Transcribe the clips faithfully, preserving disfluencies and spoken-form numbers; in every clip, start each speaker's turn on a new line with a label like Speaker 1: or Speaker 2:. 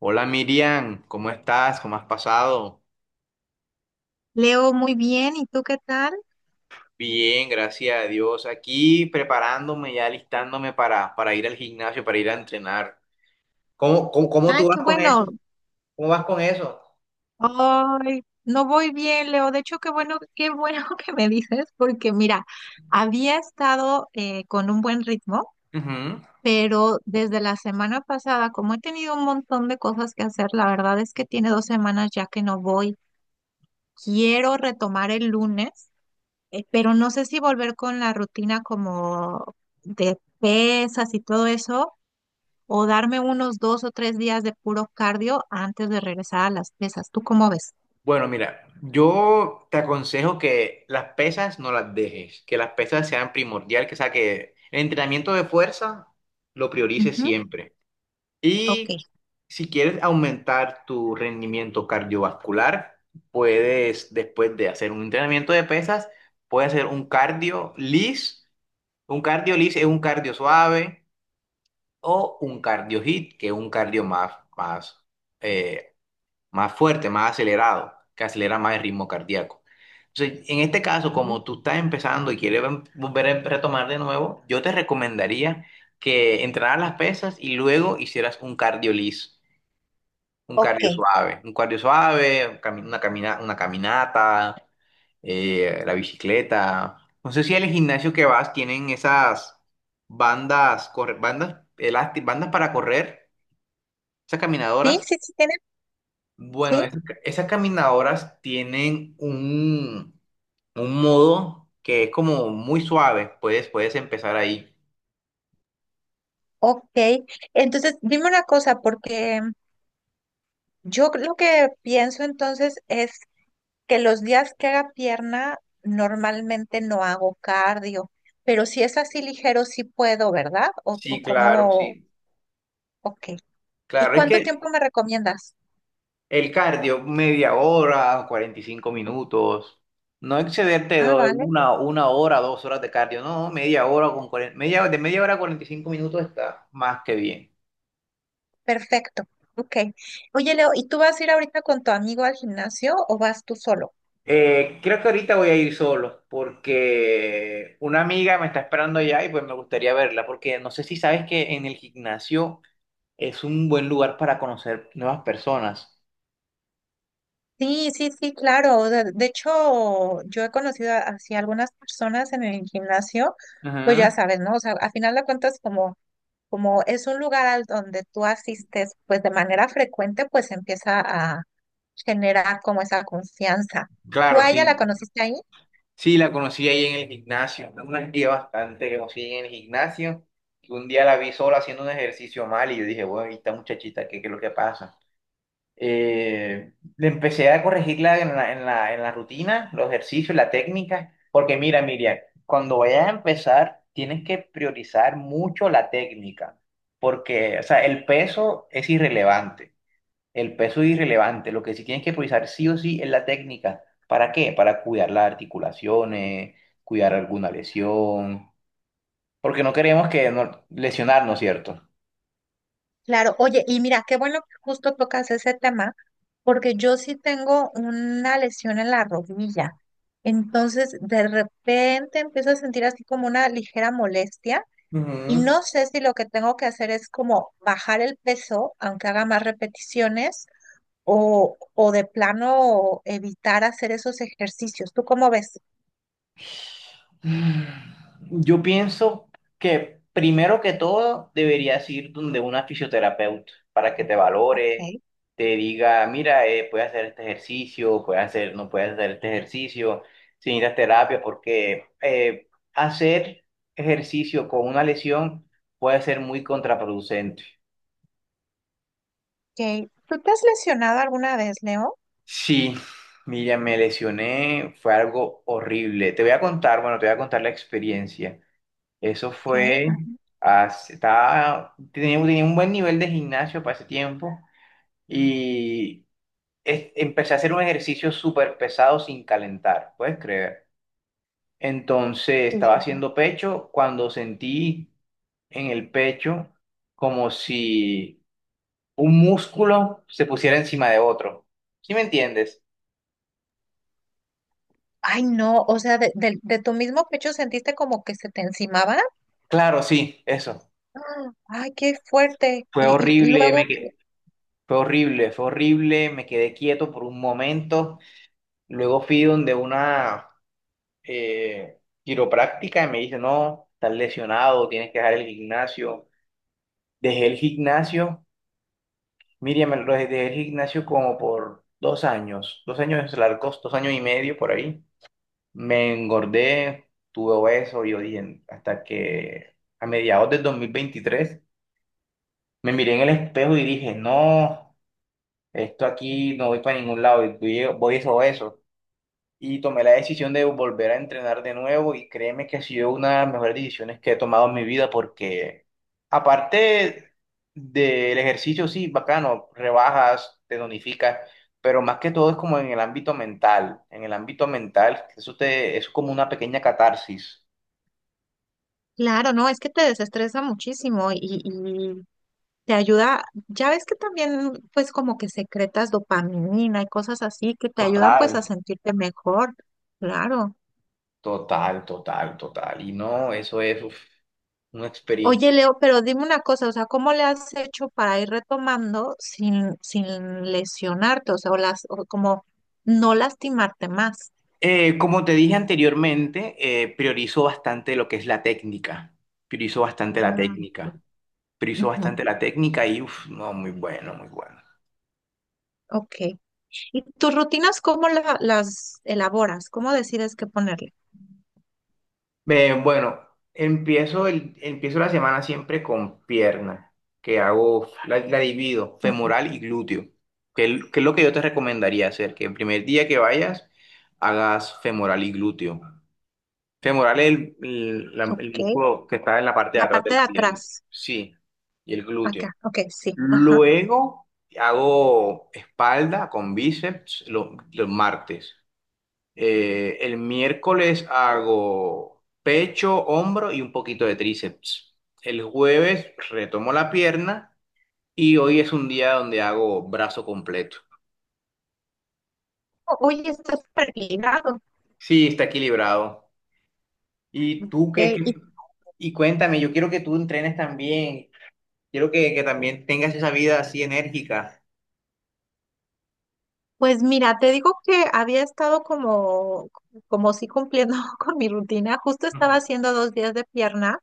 Speaker 1: Hola Miriam, ¿cómo estás? ¿Cómo has pasado?
Speaker 2: Leo, muy bien. ¿Y tú qué tal?
Speaker 1: Bien, gracias a Dios. Aquí preparándome, ya listándome para, para ir al gimnasio, para ir a entrenar. ¿Cómo, cómo, cómo
Speaker 2: Ay,
Speaker 1: tú vas
Speaker 2: qué
Speaker 1: con
Speaker 2: bueno.
Speaker 1: eso? ¿Cómo vas con eso?
Speaker 2: Ay, no voy bien, Leo. De hecho, qué bueno, qué bueno que me dices, porque mira, había estado eh, con un buen ritmo,
Speaker 1: Ujú.
Speaker 2: pero desde la semana pasada, como he tenido un montón de cosas que hacer, la verdad es que tiene dos semanas ya que no voy. Quiero retomar el lunes, eh, pero no sé si volver con la rutina como de pesas y todo eso, o darme unos dos o tres días de puro cardio antes de regresar a las pesas. ¿Tú cómo ves?
Speaker 1: Bueno, mira, yo te aconsejo que las pesas no las dejes, que las pesas sean primordial, que, o sea, que el entrenamiento de fuerza lo priorices
Speaker 2: Ujú.
Speaker 1: siempre.
Speaker 2: Ok.
Speaker 1: Y si quieres aumentar tu rendimiento cardiovascular, puedes, después de hacer un entrenamiento de pesas, puedes hacer un cardio lis. Un cardio lis es un cardio suave o un cardio hit, que es un cardio más, más, eh, más fuerte, más acelerado, que acelera más el ritmo cardíaco. Entonces, en este caso,
Speaker 2: Ujú.
Speaker 1: como tú estás empezando y quieres ven- volver a retomar de nuevo, yo te recomendaría que entrenaras las pesas y luego hicieras un cardio lis. Un
Speaker 2: Ok.
Speaker 1: cardio suave, un cardio suave, un cami- una camina, una caminata, eh, la bicicleta. No sé si al gimnasio que vas tienen esas bandas, corre- bandas elásticas, bandas para correr, esas
Speaker 2: Sí,
Speaker 1: caminadoras.
Speaker 2: sí, sí, tiene.
Speaker 1: Bueno,
Speaker 2: Sí,
Speaker 1: esas, ca- esas caminadoras tienen un, un modo que es como muy suave. Puedes, puedes empezar ahí.
Speaker 2: ok. Entonces, dime una cosa, porque yo lo que pienso entonces es que los días que haga pierna, normalmente no hago cardio, pero si es así ligero, sí puedo, ¿verdad? O, o
Speaker 1: Sí, claro,
Speaker 2: como,
Speaker 1: sí.
Speaker 2: ok. ¿Y
Speaker 1: Claro, es
Speaker 2: cuánto tiempo
Speaker 1: que
Speaker 2: me recomiendas?
Speaker 1: el cardio, media hora, cuarenta y cinco minutos. No excederte de
Speaker 2: Ah, vale.
Speaker 1: una, una hora, dos horas de cardio. No, media hora con cuarenta media, de media hora a cuarenta y cinco minutos está más que bien.
Speaker 2: Perfecto. Ok. Oye, Leo, ¿y tú vas a ir ahorita con tu amigo al gimnasio o vas tú solo?
Speaker 1: Eh, creo que ahorita voy a ir solo porque una amiga me está esperando allá y pues me gustaría verla porque no sé si sabes que en el gimnasio es un buen lugar para conocer nuevas personas.
Speaker 2: Sí, sí, sí, claro. De, de hecho, yo he conocido a- así algunas personas en el gimnasio, pues ya
Speaker 1: Ujú.
Speaker 2: sabes, ¿no? O sea, a final de cuentas, como, como es un lugar al donde tú asistes, pues de manera frecuente, pues empieza a generar como esa confianza. ¿Tú
Speaker 1: Claro,
Speaker 2: a
Speaker 1: sí.
Speaker 2: ella la conociste ahí?
Speaker 1: Sí, la conocí ahí en el gimnasio, una tía bastante que conocí en el gimnasio, que un día la vi sola haciendo un ejercicio mal y yo dije, bueno, y esta muchachita, ¿qué, qué es lo que pasa? Eh, le empecé a corregirla en la, en la, en la rutina, los ejercicios, la técnica, porque mira, Miriam, cuando vayas a empezar, tienes que priorizar mucho la técnica, porque, o sea, el peso es irrelevante. El peso es irrelevante, lo que sí tienes que priorizar sí o sí es la técnica. ¿Para qué? Para cuidar las articulaciones, cuidar alguna lesión, porque no queremos que no, lesionarnos, ¿cierto?
Speaker 2: Claro, oye, y mira, qué bueno que justo tocas ese tema, porque yo sí tengo una lesión en la rodilla. Entonces, de repente empiezo a sentir así como una ligera molestia y
Speaker 1: Ujú.
Speaker 2: no sé si lo que tengo que hacer es como bajar el peso, aunque haga más repeticiones, o, o de plano evitar hacer esos ejercicios. ¿Tú cómo ves?
Speaker 1: Yo pienso que primero que todo deberías ir donde una fisioterapeuta para que te valore,
Speaker 2: Ok,
Speaker 1: te diga, mira, eh, puedes hacer este ejercicio, puedes hacer, no puedes hacer este ejercicio, si necesitas terapia, porque eh, hacer ejercicio con una lesión puede ser muy contraproducente.
Speaker 2: ok. ¿Tú te has lesionado alguna vez, Leo?
Speaker 1: Sí, mira, me lesioné, fue algo horrible. Te voy a contar, bueno, te voy a contar la experiencia. Eso
Speaker 2: Ok,
Speaker 1: fue, hace- estaba, tenía, tenía un buen nivel de gimnasio para ese tiempo y es- empecé a hacer un ejercicio súper pesado sin calentar, puedes creer. Entonces estaba
Speaker 2: así.
Speaker 1: haciendo pecho cuando sentí en el pecho como si un músculo se pusiera encima de otro. ¿Sí me entiendes?
Speaker 2: Ay, no, o sea, de, del- de tu mismo pecho sentiste como que se te encimaba.
Speaker 1: Claro, sí, eso.
Speaker 2: ¡Ah! Ay, qué fuerte.
Speaker 1: Fue
Speaker 2: Y, y- y
Speaker 1: horrible,
Speaker 2: luego,
Speaker 1: me que- fue horrible, fue horrible, me quedé quieto por un momento. Luego fui donde una eh, quiropráctica y me dice, no, estás lesionado, tienes que dejar el gimnasio. Dejé el gimnasio, Miriam, me lo dejé dejé el gimnasio como por dos años, dos años largos, dos años y medio por ahí. Me engordé, tuve obeso, y yo dije, hasta que a mediados del dos mil veintitrés me miré en el espejo y dije, no, esto aquí no voy para ningún lado, voy, voy es obeso. Y tomé la decisión de volver a entrenar de nuevo y créeme que ha sido una de las mejores decisiones que he tomado en mi vida porque aparte del ejercicio, sí, bacano, rebajas, te tonificas, pero más que todo es como en el ámbito mental, en el ámbito mental, eso te, es como una pequeña catarsis.
Speaker 2: claro, no, es que te desestresa muchísimo y, y te ayuda. Ya ves que también, pues, como que secretas dopamina y cosas así que te ayudan,
Speaker 1: Total,
Speaker 2: pues, a sentirte mejor. Claro.
Speaker 1: total, total, total. Y no, eso es uf, una experiencia.
Speaker 2: Oye, Leo, pero dime una cosa, o sea, ¿cómo le has hecho para ir retomando sin, sin lesionarte? O sea, o las, o como no lastimarte más.
Speaker 1: Eh, como te dije anteriormente, eh, priorizo bastante lo que es la técnica. Priorizo bastante la
Speaker 2: Ah, ok.
Speaker 1: técnica. Priorizo
Speaker 2: Ujú.
Speaker 1: bastante la técnica y, uff, no, muy bueno, muy bueno.
Speaker 2: Ok. ¿Y tus rutinas cómo la- las elaboras? ¿Cómo decides qué ponerle?
Speaker 1: Eh, bueno, empiezo, el, empiezo la semana siempre con pierna, que hago, la, la divido,
Speaker 2: Ok.
Speaker 1: femoral y glúteo, que, el- que es lo que yo te recomendaría hacer, que el primer día que vayas, hagas femoral y glúteo. Femoral es el, el la- el
Speaker 2: Ok.
Speaker 1: músculo que está en la parte de
Speaker 2: La
Speaker 1: atrás de
Speaker 2: parte de
Speaker 1: la pierna.
Speaker 2: atrás.
Speaker 1: Sí, y el glúteo.
Speaker 2: Acá. Ok, sí. Ajá.
Speaker 1: Luego hago espalda con bíceps lo- los martes. Eh, el miércoles hago pecho, hombro y un poquito de tríceps. El jueves retomo la pierna y hoy es un día donde hago brazo completo.
Speaker 2: O- Oye, está súper ligado.
Speaker 1: Sí, está equilibrado. ¿Y tú qué,
Speaker 2: Ok. Y
Speaker 1: qué- y cuéntame, yo quiero que tú entrenes también. Quiero que, que también tengas esa vida así enérgica?
Speaker 2: pues mira, te digo que había estado como, como sí cumpliendo con mi rutina. Justo estaba
Speaker 1: Ujú.
Speaker 2: haciendo dos días de pierna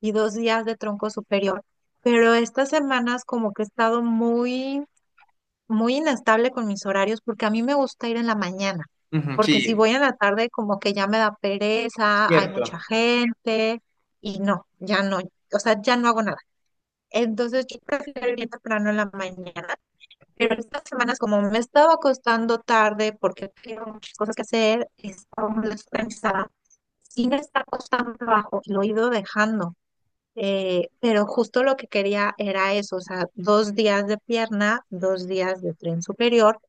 Speaker 2: y dos días de tronco superior. Pero estas semanas como que he estado muy muy inestable con mis horarios porque a mí me gusta ir en la mañana,
Speaker 1: Ujú, sí,
Speaker 2: porque si voy en la tarde como que ya me da pereza, hay
Speaker 1: cierto.
Speaker 2: mucha gente y no, ya no, o sea, ya no hago nada. Entonces yo prefiero ir bien temprano en la mañana, pero estas semanas como me estaba acostando tarde porque tengo muchas cosas que hacer, estaba muy descansada, sí me está costando trabajo y lo he ido dejando. Eh, pero justo lo que quería era eso, o sea, dos días de pierna, dos días de tren superior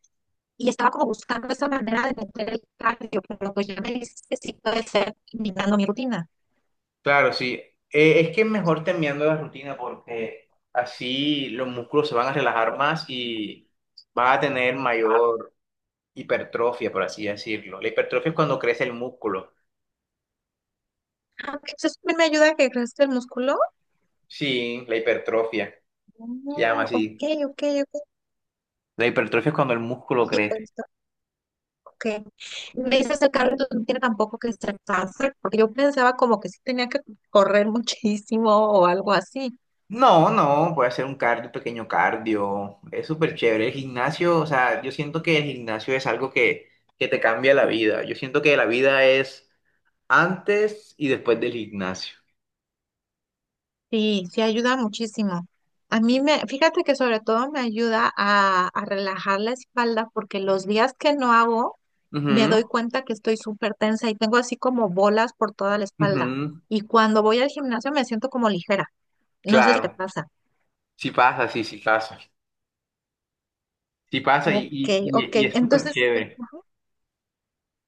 Speaker 2: y estaba como buscando esa manera de meter el cardio, pero pues ya me dijiste sí puede ser imitando mi rutina.
Speaker 1: Claro, sí. Eh, es que es mejor terminando la rutina porque así los músculos se van a relajar más y van a tener mayor hipertrofia, por así decirlo. La hipertrofia es cuando crece el músculo.
Speaker 2: Ah, ok, eso también me ayuda a que crezca el músculo.
Speaker 1: Sí, la hipertrofia. Se llama
Speaker 2: Oh, ok,
Speaker 1: así.
Speaker 2: ok, ok.
Speaker 1: La hipertrofia es cuando el músculo
Speaker 2: Oye,
Speaker 1: crece.
Speaker 2: pues, está ok. Me dices el cardio entonces no tiene tampoco que ser tan, porque yo pensaba como que sí tenía que correr muchísimo o algo así.
Speaker 1: No, no, puede hacer un cardio, pequeño cardio. Es súper chévere. El gimnasio, o sea, yo siento que el gimnasio es algo que, que te cambia la vida. Yo siento que la vida es antes y después del gimnasio.
Speaker 2: Sí, sí ayuda muchísimo. A mí me, fíjate que sobre todo me ayuda a, a relajar la espalda porque los días que no hago me
Speaker 1: Ujú.
Speaker 2: doy cuenta que estoy súper tensa y tengo así como bolas por toda la espalda.
Speaker 1: Ujú,
Speaker 2: Y cuando voy al gimnasio me siento como ligera. No sé si te
Speaker 1: claro,
Speaker 2: pasa.
Speaker 1: sí pasa, sí, sí pasa. Sí pasa y,
Speaker 2: Ok,
Speaker 1: y,
Speaker 2: ok.
Speaker 1: y, y es súper
Speaker 2: Entonces,
Speaker 1: chévere.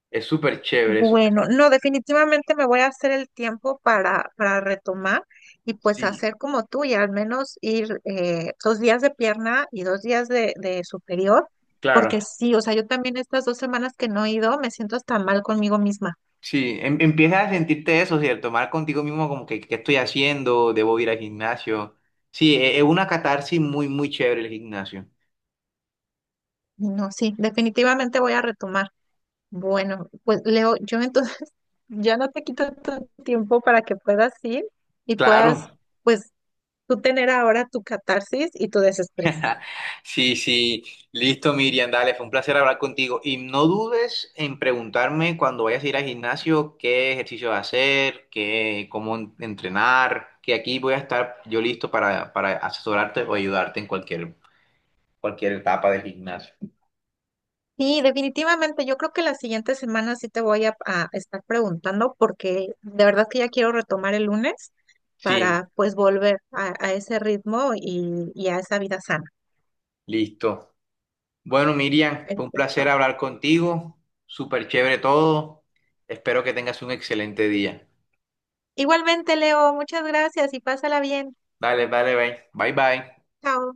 Speaker 1: Es súper chévere. es súper-
Speaker 2: bueno, no, definitivamente me voy a hacer el tiempo para, para retomar y pues
Speaker 1: sí,
Speaker 2: hacer como tú y al menos ir eh, dos días de pierna y dos días de, de superior, porque
Speaker 1: claro.
Speaker 2: sí, o sea, yo también estas dos semanas que no he ido me siento hasta mal conmigo misma.
Speaker 1: Sí, em- empiezas a sentirte eso, ¿cierto? Mal contigo mismo, como que, ¿qué estoy haciendo? ¿Debo ir al gimnasio? Sí, e- es una catarsis muy, muy chévere el gimnasio.
Speaker 2: Y no, sí, definitivamente voy a retomar. Bueno, pues Leo, yo entonces ya no te quito tu tiempo para que puedas ir y puedas
Speaker 1: Claro.
Speaker 2: pues tú tener ahora tu catarsis y tu desestrés.
Speaker 1: Sí, sí, listo, Miriam, dale, fue un placer hablar contigo. Y no dudes en preguntarme cuando vayas a ir al gimnasio qué ejercicio hacer, qué, cómo en- entrenar, que aquí voy a estar yo listo para, para asesorarte o ayudarte en cualquier, cualquier etapa del gimnasio.
Speaker 2: Sí, definitivamente. Yo creo que la siguiente semana sí te voy a, a estar preguntando porque de verdad que ya quiero retomar el lunes
Speaker 1: Sí,
Speaker 2: para pues volver a, a ese ritmo y, y a esa vida sana.
Speaker 1: listo. Bueno, Miriam, fue un placer
Speaker 2: Perfecto.
Speaker 1: hablar contigo, súper chévere todo. Espero que tengas un excelente día.
Speaker 2: Igualmente, Leo, muchas gracias y pásala bien.
Speaker 1: Dale, dale, bye, bye, bye.
Speaker 2: Chao.